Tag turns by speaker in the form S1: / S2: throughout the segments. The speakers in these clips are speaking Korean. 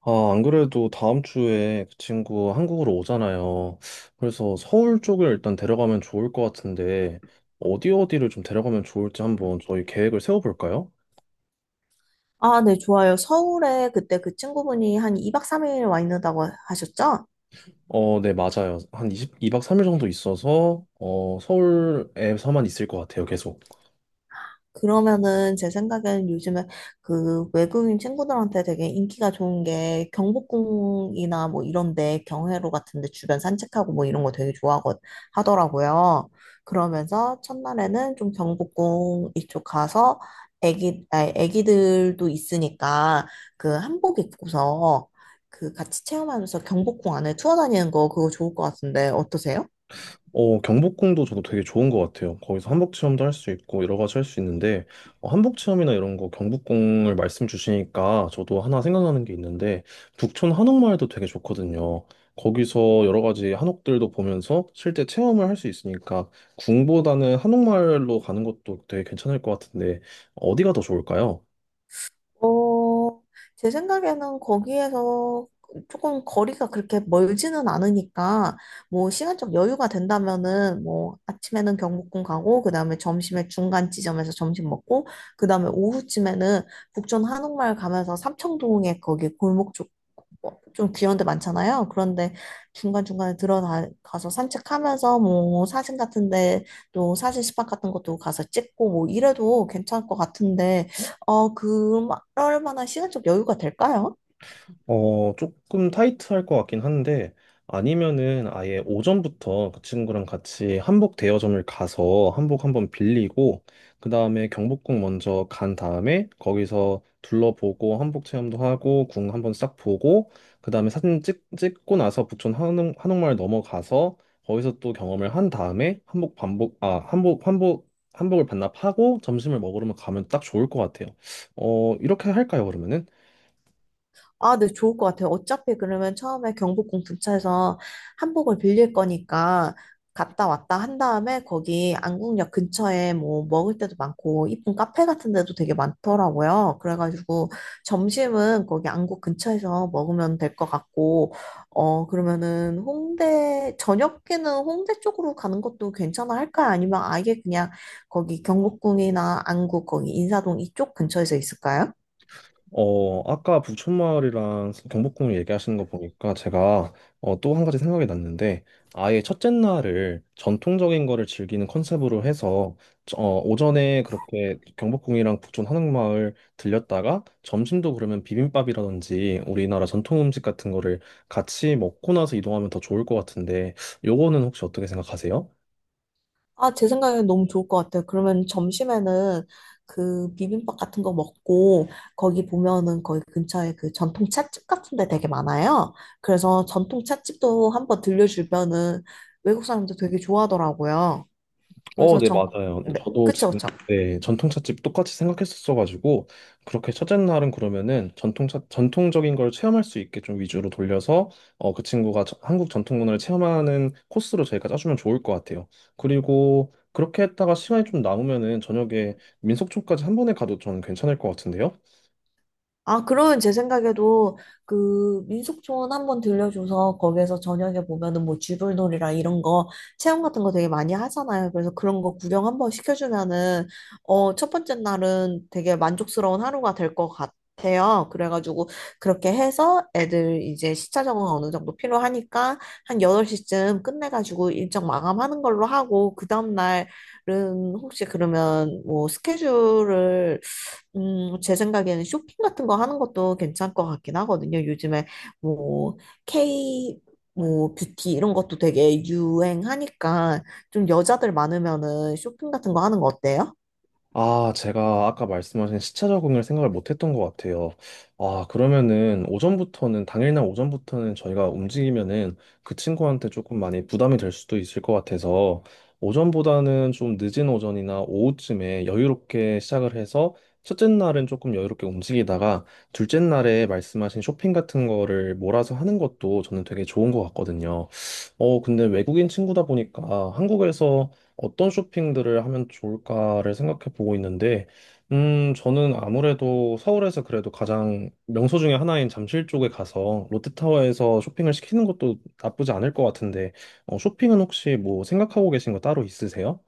S1: 아, 안 그래도 다음 주에 그 친구 한국으로 오잖아요. 그래서 서울 쪽을 일단 데려가면 좋을 것 같은데, 어디 어디를 좀 데려가면 좋을지 한번 저희 계획을 세워볼까요?
S2: 아, 네, 좋아요. 서울에 그때 그 친구분이 한 2박 3일 와 있는다고 하셨죠?
S1: 네, 맞아요. 한2십이박 3일 정도 있어서, 서울에서만 있을 것 같아요, 계속.
S2: 그러면은 제 생각에는 요즘에 그 외국인 친구들한테 되게 인기가 좋은 게 경복궁이나 뭐 이런데 경회로 같은데 주변 산책하고 뭐 이런 거 되게 좋아하고 하더라고요. 그러면서 첫날에는 좀 경복궁 이쪽 가서 애기들도 있으니까 그 한복 입고서 그 같이 체험하면서 경복궁 안에 투어 다니는 거 그거 좋을 것 같은데 어떠세요?
S1: 경복궁도 저도 되게 좋은 것 같아요. 거기서 한복 체험도 할 수 있고 여러 가지 할 수 있는데 한복 체험이나 이런 거 경복궁을 말씀 주시니까 저도 하나 생각나는 게 있는데 북촌 한옥마을도 되게 좋거든요. 거기서 여러 가지 한옥들도 보면서 실제 체험을 할 수 있으니까 궁보다는 한옥마을로 가는 것도 되게 괜찮을 것 같은데 어디가 더 좋을까요?
S2: 어, 제 생각에는 거기에서 조금 거리가 그렇게 멀지는 않으니까, 뭐, 시간적 여유가 된다면은, 뭐, 아침에는 경복궁 가고, 그 다음에 점심에 중간 지점에서 점심 먹고, 그 다음에 오후쯤에는 북촌 한옥마을 가면서 삼청동에 거기 골목 쪽, 어, 좀 귀여운 데 많잖아요. 그런데 중간중간에 들어가서 산책하면서 뭐, 사진 같은데, 또 사진 스팟 같은 것도 가서 찍고, 뭐, 이래도 괜찮을 것 같은데, 어, 그럴 만한 시간적 여유가 될까요?
S1: 조금 타이트할 것 같긴 한데, 아니면은 아예 오전부터 그 친구랑 같이 한복 대여점을 가서 한복 한번 빌리고, 그 다음에 경복궁 먼저 간 다음에 거기서 둘러보고 한복 체험도 하고, 궁 한번 싹 보고, 그 다음에 사진 찍고 나서 부촌 한옥마을 넘어가서 거기서 또 경험을 한 다음에 한복 반복, 아, 한복, 한복, 한복을 반납하고 점심을 먹으러 가면 딱 좋을 것 같아요. 이렇게 할까요, 그러면은?
S2: 아, 네, 좋을 것 같아요. 어차피 그러면 처음에 경복궁 근처에서 한복을 빌릴 거니까 갔다 왔다 한 다음에 거기 안국역 근처에 뭐 먹을 때도 많고 이쁜 카페 같은 데도 되게 많더라고요. 그래가지고 점심은 거기 안국 근처에서 먹으면 될 것 같고, 어, 그러면은 홍대, 저녁에는 홍대 쪽으로 가는 것도 괜찮아 할까요? 아니면 아예 그냥 거기 경복궁이나 안국 거기 인사동 이쪽 근처에서 있을까요?
S1: 아까 부촌마을이랑 경복궁을 얘기하시는 거 보니까 제가 또 한 가지 생각이 났는데 아예 첫째 날을 전통적인 거를 즐기는 컨셉으로 해서 오전에 그렇게 경복궁이랑 부촌 한옥마을 들렸다가 점심도 그러면 비빔밥이라든지 우리나라 전통 음식 같은 거를 같이 먹고 나서 이동하면 더 좋을 것 같은데 요거는 혹시 어떻게 생각하세요?
S2: 아, 제 생각엔 너무 좋을 것 같아요. 그러면 점심에는 그 비빔밥 같은 거 먹고 거기 보면은 거기 근처에 그 전통 찻집 같은 데 되게 많아요. 그래서 전통 찻집도 한번 들려주면은 외국 사람들 되게 좋아하더라고요. 그래서
S1: 네,
S2: 전,
S1: 맞아요. 근데
S2: 네,
S1: 저도
S2: 그쵸,
S1: 지금
S2: 그쵸.
S1: 네, 전통찻집 똑같이 생각했었어가지고 그렇게 첫째 날은 그러면은 전통차 전통적인 걸 체험할 수 있게 좀 위주로 돌려서 그 친구가 한국 전통 문화를 체험하는 코스로 저희가 짜주면 좋을 것 같아요. 그리고 그렇게 했다가 시간이 좀 남으면은 저녁에 민속촌까지 한 번에 가도 저는 괜찮을 것 같은데요.
S2: 아, 그러면 제 생각에도 그 민속촌 한번 들려줘서 거기에서 저녁에 보면은 뭐 쥐불놀이랑 이런 거 체험 같은 거 되게 많이 하잖아요. 그래서 그런 거 구경 한번 시켜주면은 어, 첫 번째 날은 되게 만족스러운 하루가 될 것 같아요. 그래가지고 그렇게 해서 애들 이제 시차 적응 어느 정도 필요하니까 한 8시쯤 끝내가지고 일정 마감하는 걸로 하고 그 다음날은 혹시 그러면 뭐 스케줄을 제 생각에는 쇼핑 같은 거 하는 것도 괜찮을 것 같긴 하거든요. 요즘에 뭐 K 뭐 뷰티 이런 것도 되게 유행하니까 좀 여자들 많으면은 쇼핑 같은 거 하는 거 어때요?
S1: 아, 제가 아까 말씀하신 시차 적응을 생각을 못 했던 것 같아요. 아, 그러면은 당일날 오전부터는 저희가 움직이면은 그 친구한테 조금 많이 부담이 될 수도 있을 것 같아서 오전보다는 좀 늦은 오전이나 오후쯤에 여유롭게 시작을 해서 첫째 날은 조금 여유롭게 움직이다가 둘째 날에 말씀하신 쇼핑 같은 거를 몰아서 하는 것도 저는 되게 좋은 것 같거든요. 근데 외국인 친구다 보니까 한국에서 어떤 쇼핑들을 하면 좋을까를 생각해 보고 있는데, 저는 아무래도 서울에서 그래도 가장 명소 중에 하나인 잠실 쪽에 가서 롯데타워에서 쇼핑을 시키는 것도 나쁘지 않을 것 같은데, 쇼핑은 혹시 뭐 생각하고 계신 거 따로 있으세요?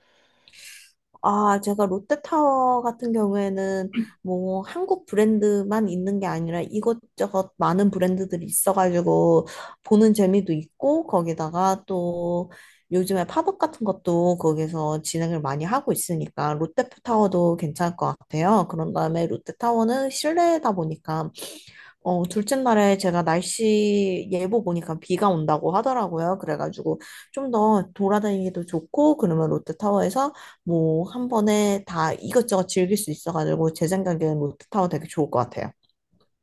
S2: 아, 제가 롯데타워 같은 경우에는 뭐 한국 브랜드만 있는 게 아니라 이것저것 많은 브랜드들이 있어가지고 보는 재미도 있고 거기다가 또 요즘에 팝업 같은 것도 거기서 진행을 많이 하고 있으니까 롯데타워도 괜찮을 것 같아요. 그런 다음에 롯데타워는 실내다 보니까 어, 둘째 날에 제가 날씨 예보 보니까 비가 온다고 하더라고요. 그래가지고 좀 더 돌아다니기도 좋고, 그러면 롯데타워에서 뭐 한 번에 다 이것저것 즐길 수 있어가지고 제 생각에는 롯데타워 되게 좋을 것 같아요.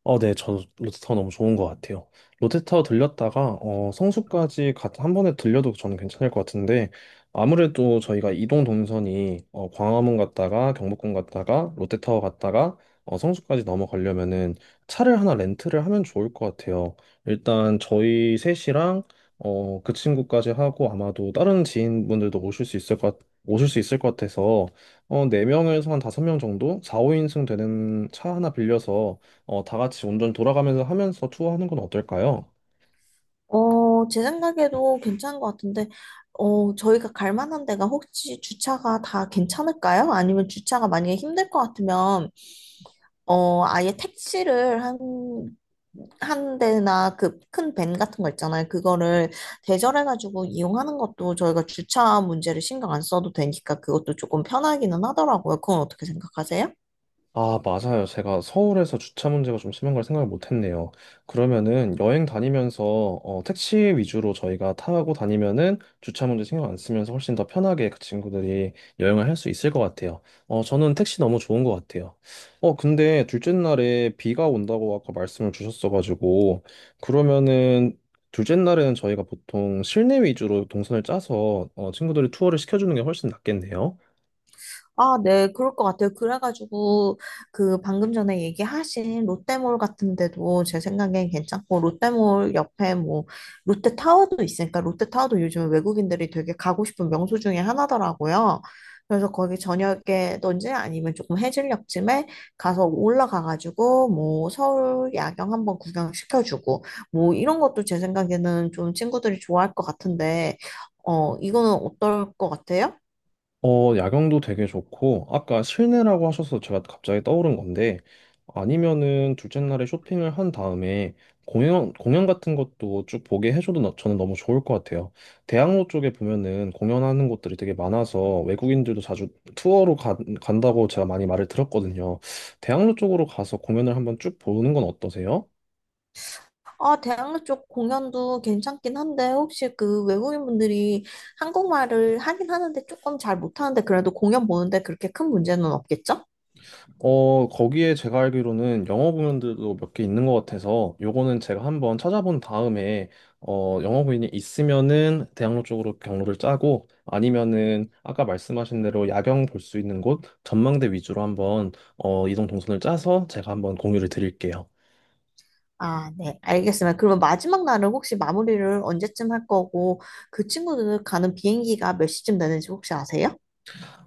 S1: 네, 저 롯데타워 너무 좋은 것 같아요. 롯데타워 들렸다가 어, 성수까지 한 번에 들려도 저는 괜찮을 것 같은데 아무래도 저희가 이동 동선이 어, 광화문 갔다가 경복궁 갔다가 롯데타워 갔다가 성수까지 넘어가려면은 차를 하나 렌트를 하면 좋을 것 같아요. 일단 저희 셋이랑 어, 그 친구까지 하고 아마도 다른 지인분들도 오실 수 있을 것 같아서 어, 4명에서 한 5명 정도 4, 5인승 되는 차 하나 빌려서 다 같이 운전 돌아가면서 하면서 투어하는 건 어떨까요?
S2: 어, 제 생각에도 괜찮은 것 같은데, 어, 저희가 갈 만한 데가 혹시 주차가 다 괜찮을까요? 아니면 주차가 만약에 힘들 것 같으면 어, 아예 택시를 한 대나 그 큰 밴 같은 거 있잖아요. 그거를 대절해가지고 이용하는 것도 저희가 주차 문제를 신경 안 써도 되니까 그것도 조금 편하기는 하더라고요. 그건 어떻게 생각하세요?
S1: 아, 맞아요. 제가 서울에서 주차 문제가 좀 심한 걸 생각을 못 했네요. 그러면은 여행 다니면서 어, 택시 위주로 저희가 타고 다니면은 주차 문제 신경 안 쓰면서 훨씬 더 편하게 그 친구들이 여행을 할 수 있을 것 같아요. 저는 택시 너무 좋은 것 같아요. 근데 둘째 날에 비가 온다고 아까 말씀을 주셨어가지고 그러면은 둘째 날에는 저희가 보통 실내 위주로 동선을 짜서 어, 친구들이 투어를 시켜주는 게 훨씬 낫겠네요.
S2: 아, 네, 그럴 것 같아요. 그래가지고, 그, 방금 전에 얘기하신 롯데몰 같은 데도 제 생각엔 괜찮고, 롯데몰 옆에 뭐, 롯데타워도 있으니까, 롯데타워도 요즘 외국인들이 되게 가고 싶은 명소 중에 하나더라고요. 그래서 거기 저녁에든지 아니면 조금 해질녘쯤에 가서 올라가가지고, 뭐, 서울 야경 한번 구경시켜주고, 뭐, 이런 것도 제 생각에는 좀 친구들이 좋아할 것 같은데, 어, 이거는 어떨 것 같아요?
S1: 야경도 되게 좋고, 아까 실내라고 하셔서 제가 갑자기 떠오른 건데, 아니면은 둘째 날에 쇼핑을 한 다음에 공연 같은 것도 쭉 보게 해줘도 저는 너무 좋을 것 같아요. 대학로 쪽에 보면은 공연하는 곳들이 되게 많아서 외국인들도 자주 투어로 간다고 제가 많이 말을 들었거든요. 대학로 쪽으로 가서 공연을 한번 쭉 보는 건 어떠세요?
S2: 아, 대학로 쪽 공연도 괜찮긴 한데, 혹시 그 외국인분들이 한국말을 하긴 하는데 조금 잘 못하는데, 그래도 공연 보는데 그렇게 큰 문제는 없겠죠?
S1: 거기에 제가 알기로는 영어 공연들도 몇 개 있는 것 같아서 요거는 제가 한번 찾아본 다음에 영어 공연이 있으면은 대학로 쪽으로 경로를 짜고 아니면은 아까 말씀하신 대로 야경 볼 수 있는 곳 전망대 위주로 한번 이동 동선을 짜서 제가 한번 공유를 드릴게요.
S2: 아, 네, 알겠습니다. 그러면 마지막 날은 혹시 마무리를 언제쯤 할 거고, 그 친구들 가는 비행기가 몇 시쯤 되는지 혹시 아세요?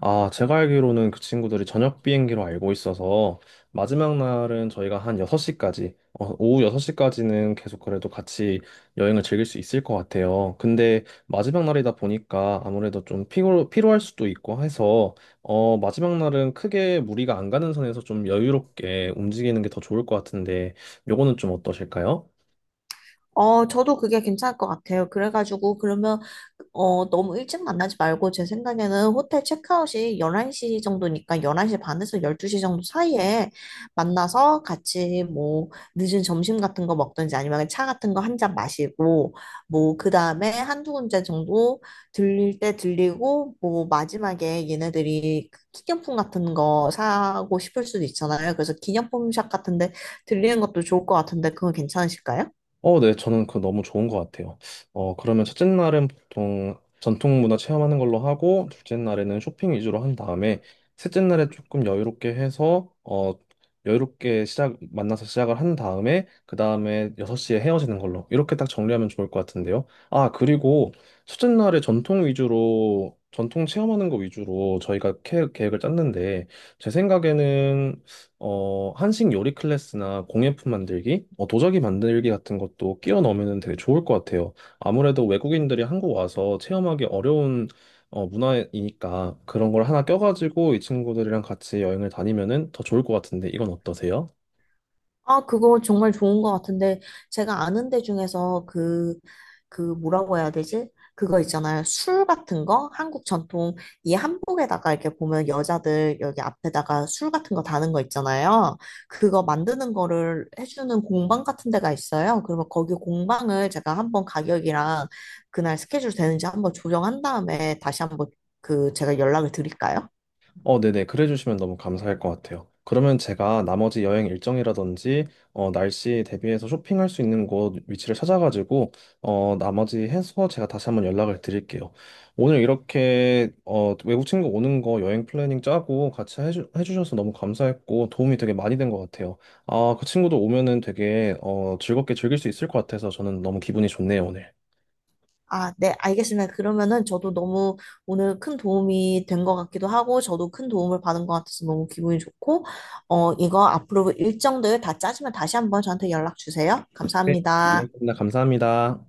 S1: 아, 제가 알기로는 그 친구들이 저녁 비행기로 알고 있어서 마지막 날은 저희가 한 6시까지, 어, 오후 6시까지는 계속 그래도 같이 여행을 즐길 수 있을 것 같아요. 근데 마지막 날이다 보니까 아무래도 좀 피로할 수도 있고 해서 마지막 날은 크게 무리가 안 가는 선에서 좀 여유롭게 움직이는 게 더 좋을 것 같은데 요거는 좀 어떠실까요?
S2: 어, 저도 그게 괜찮을 것 같아요. 그래가지고, 그러면, 어, 너무 일찍 만나지 말고, 제 생각에는 호텔 체크아웃이 11시 정도니까, 11시 반에서 12시 정도 사이에 만나서 같이 뭐, 늦은 점심 같은 거 먹든지 아니면 차 같은 거 한 잔 마시고, 뭐, 그 다음에 한두 군데 정도 들릴 때 들리고, 뭐, 마지막에 얘네들이 그 기념품 같은 거 사고 싶을 수도 있잖아요. 그래서 기념품 샵 같은데 들리는 것도 좋을 것 같은데, 그건 괜찮으실까요?
S1: 네, 저는 그거 너무 좋은 것 같아요. 그러면 첫째 날은 보통 전통 문화 체험하는 걸로 하고, 둘째 날에는 쇼핑 위주로 한 다음에, 셋째 날에 조금 여유롭게 해서, 여유롭게 만나서 시작을 한 다음에, 그 다음에 6시에 헤어지는 걸로. 이렇게 딱 정리하면 좋을 것 같은데요. 아, 그리고 첫째 날에 전통 위주로, 전통 체험하는 거 위주로 저희가 계획을 짰는데, 제 생각에는 한식 요리 클래스나 공예품 만들기, 도자기 만들기 같은 것도 끼워 넣으면 되게 좋을 것 같아요. 아무래도 외국인들이 한국 와서 체험하기 어려운 문화이니까 그런 걸 하나 껴가지고 이 친구들이랑 같이 여행을 다니면은 더 좋을 것 같은데 이건 어떠세요?
S2: 아, 그거 정말 좋은 것 같은데, 제가 아는 데 중에서 그, 그 뭐라고 해야 되지? 그거 있잖아요. 술 같은 거? 한국 전통, 이 한복에다가 이렇게 보면 여자들 여기 앞에다가 술 같은 거 다는 거 있잖아요. 그거 만드는 거를 해주는 공방 같은 데가 있어요. 그러면 거기 공방을 제가 한번 가격이랑 그날 스케줄 되는지 한번 조정한 다음에 다시 한번 그 제가 연락을 드릴까요?
S1: 어, 네네. 그래 주시면 너무 감사할 것 같아요. 그러면 제가 나머지 여행 일정이라든지 날씨 대비해서 쇼핑할 수 있는 곳 위치를 찾아가지고 나머지 해서 제가 다시 한번 연락을 드릴게요. 오늘 이렇게 어, 외국 친구 오는 거 여행 플래닝 짜고 같이 해주셔서 너무 감사했고 도움이 되게 많이 된 것 같아요. 아, 그 친구도 오면은 되게 어, 즐겁게 즐길 수 있을 것 같아서 저는 너무 기분이 좋네요, 오늘.
S2: 아, 네, 알겠습니다. 그러면은 저도 너무 오늘 큰 도움이 된 것 같기도 하고, 저도 큰 도움을 받은 것 같아서 너무 기분이 좋고, 어, 이거 앞으로 일정들 다 짜시면 다시 한번 저한테 연락 주세요.
S1: 네, 여행
S2: 감사합니다.
S1: 끝나 감사합니다.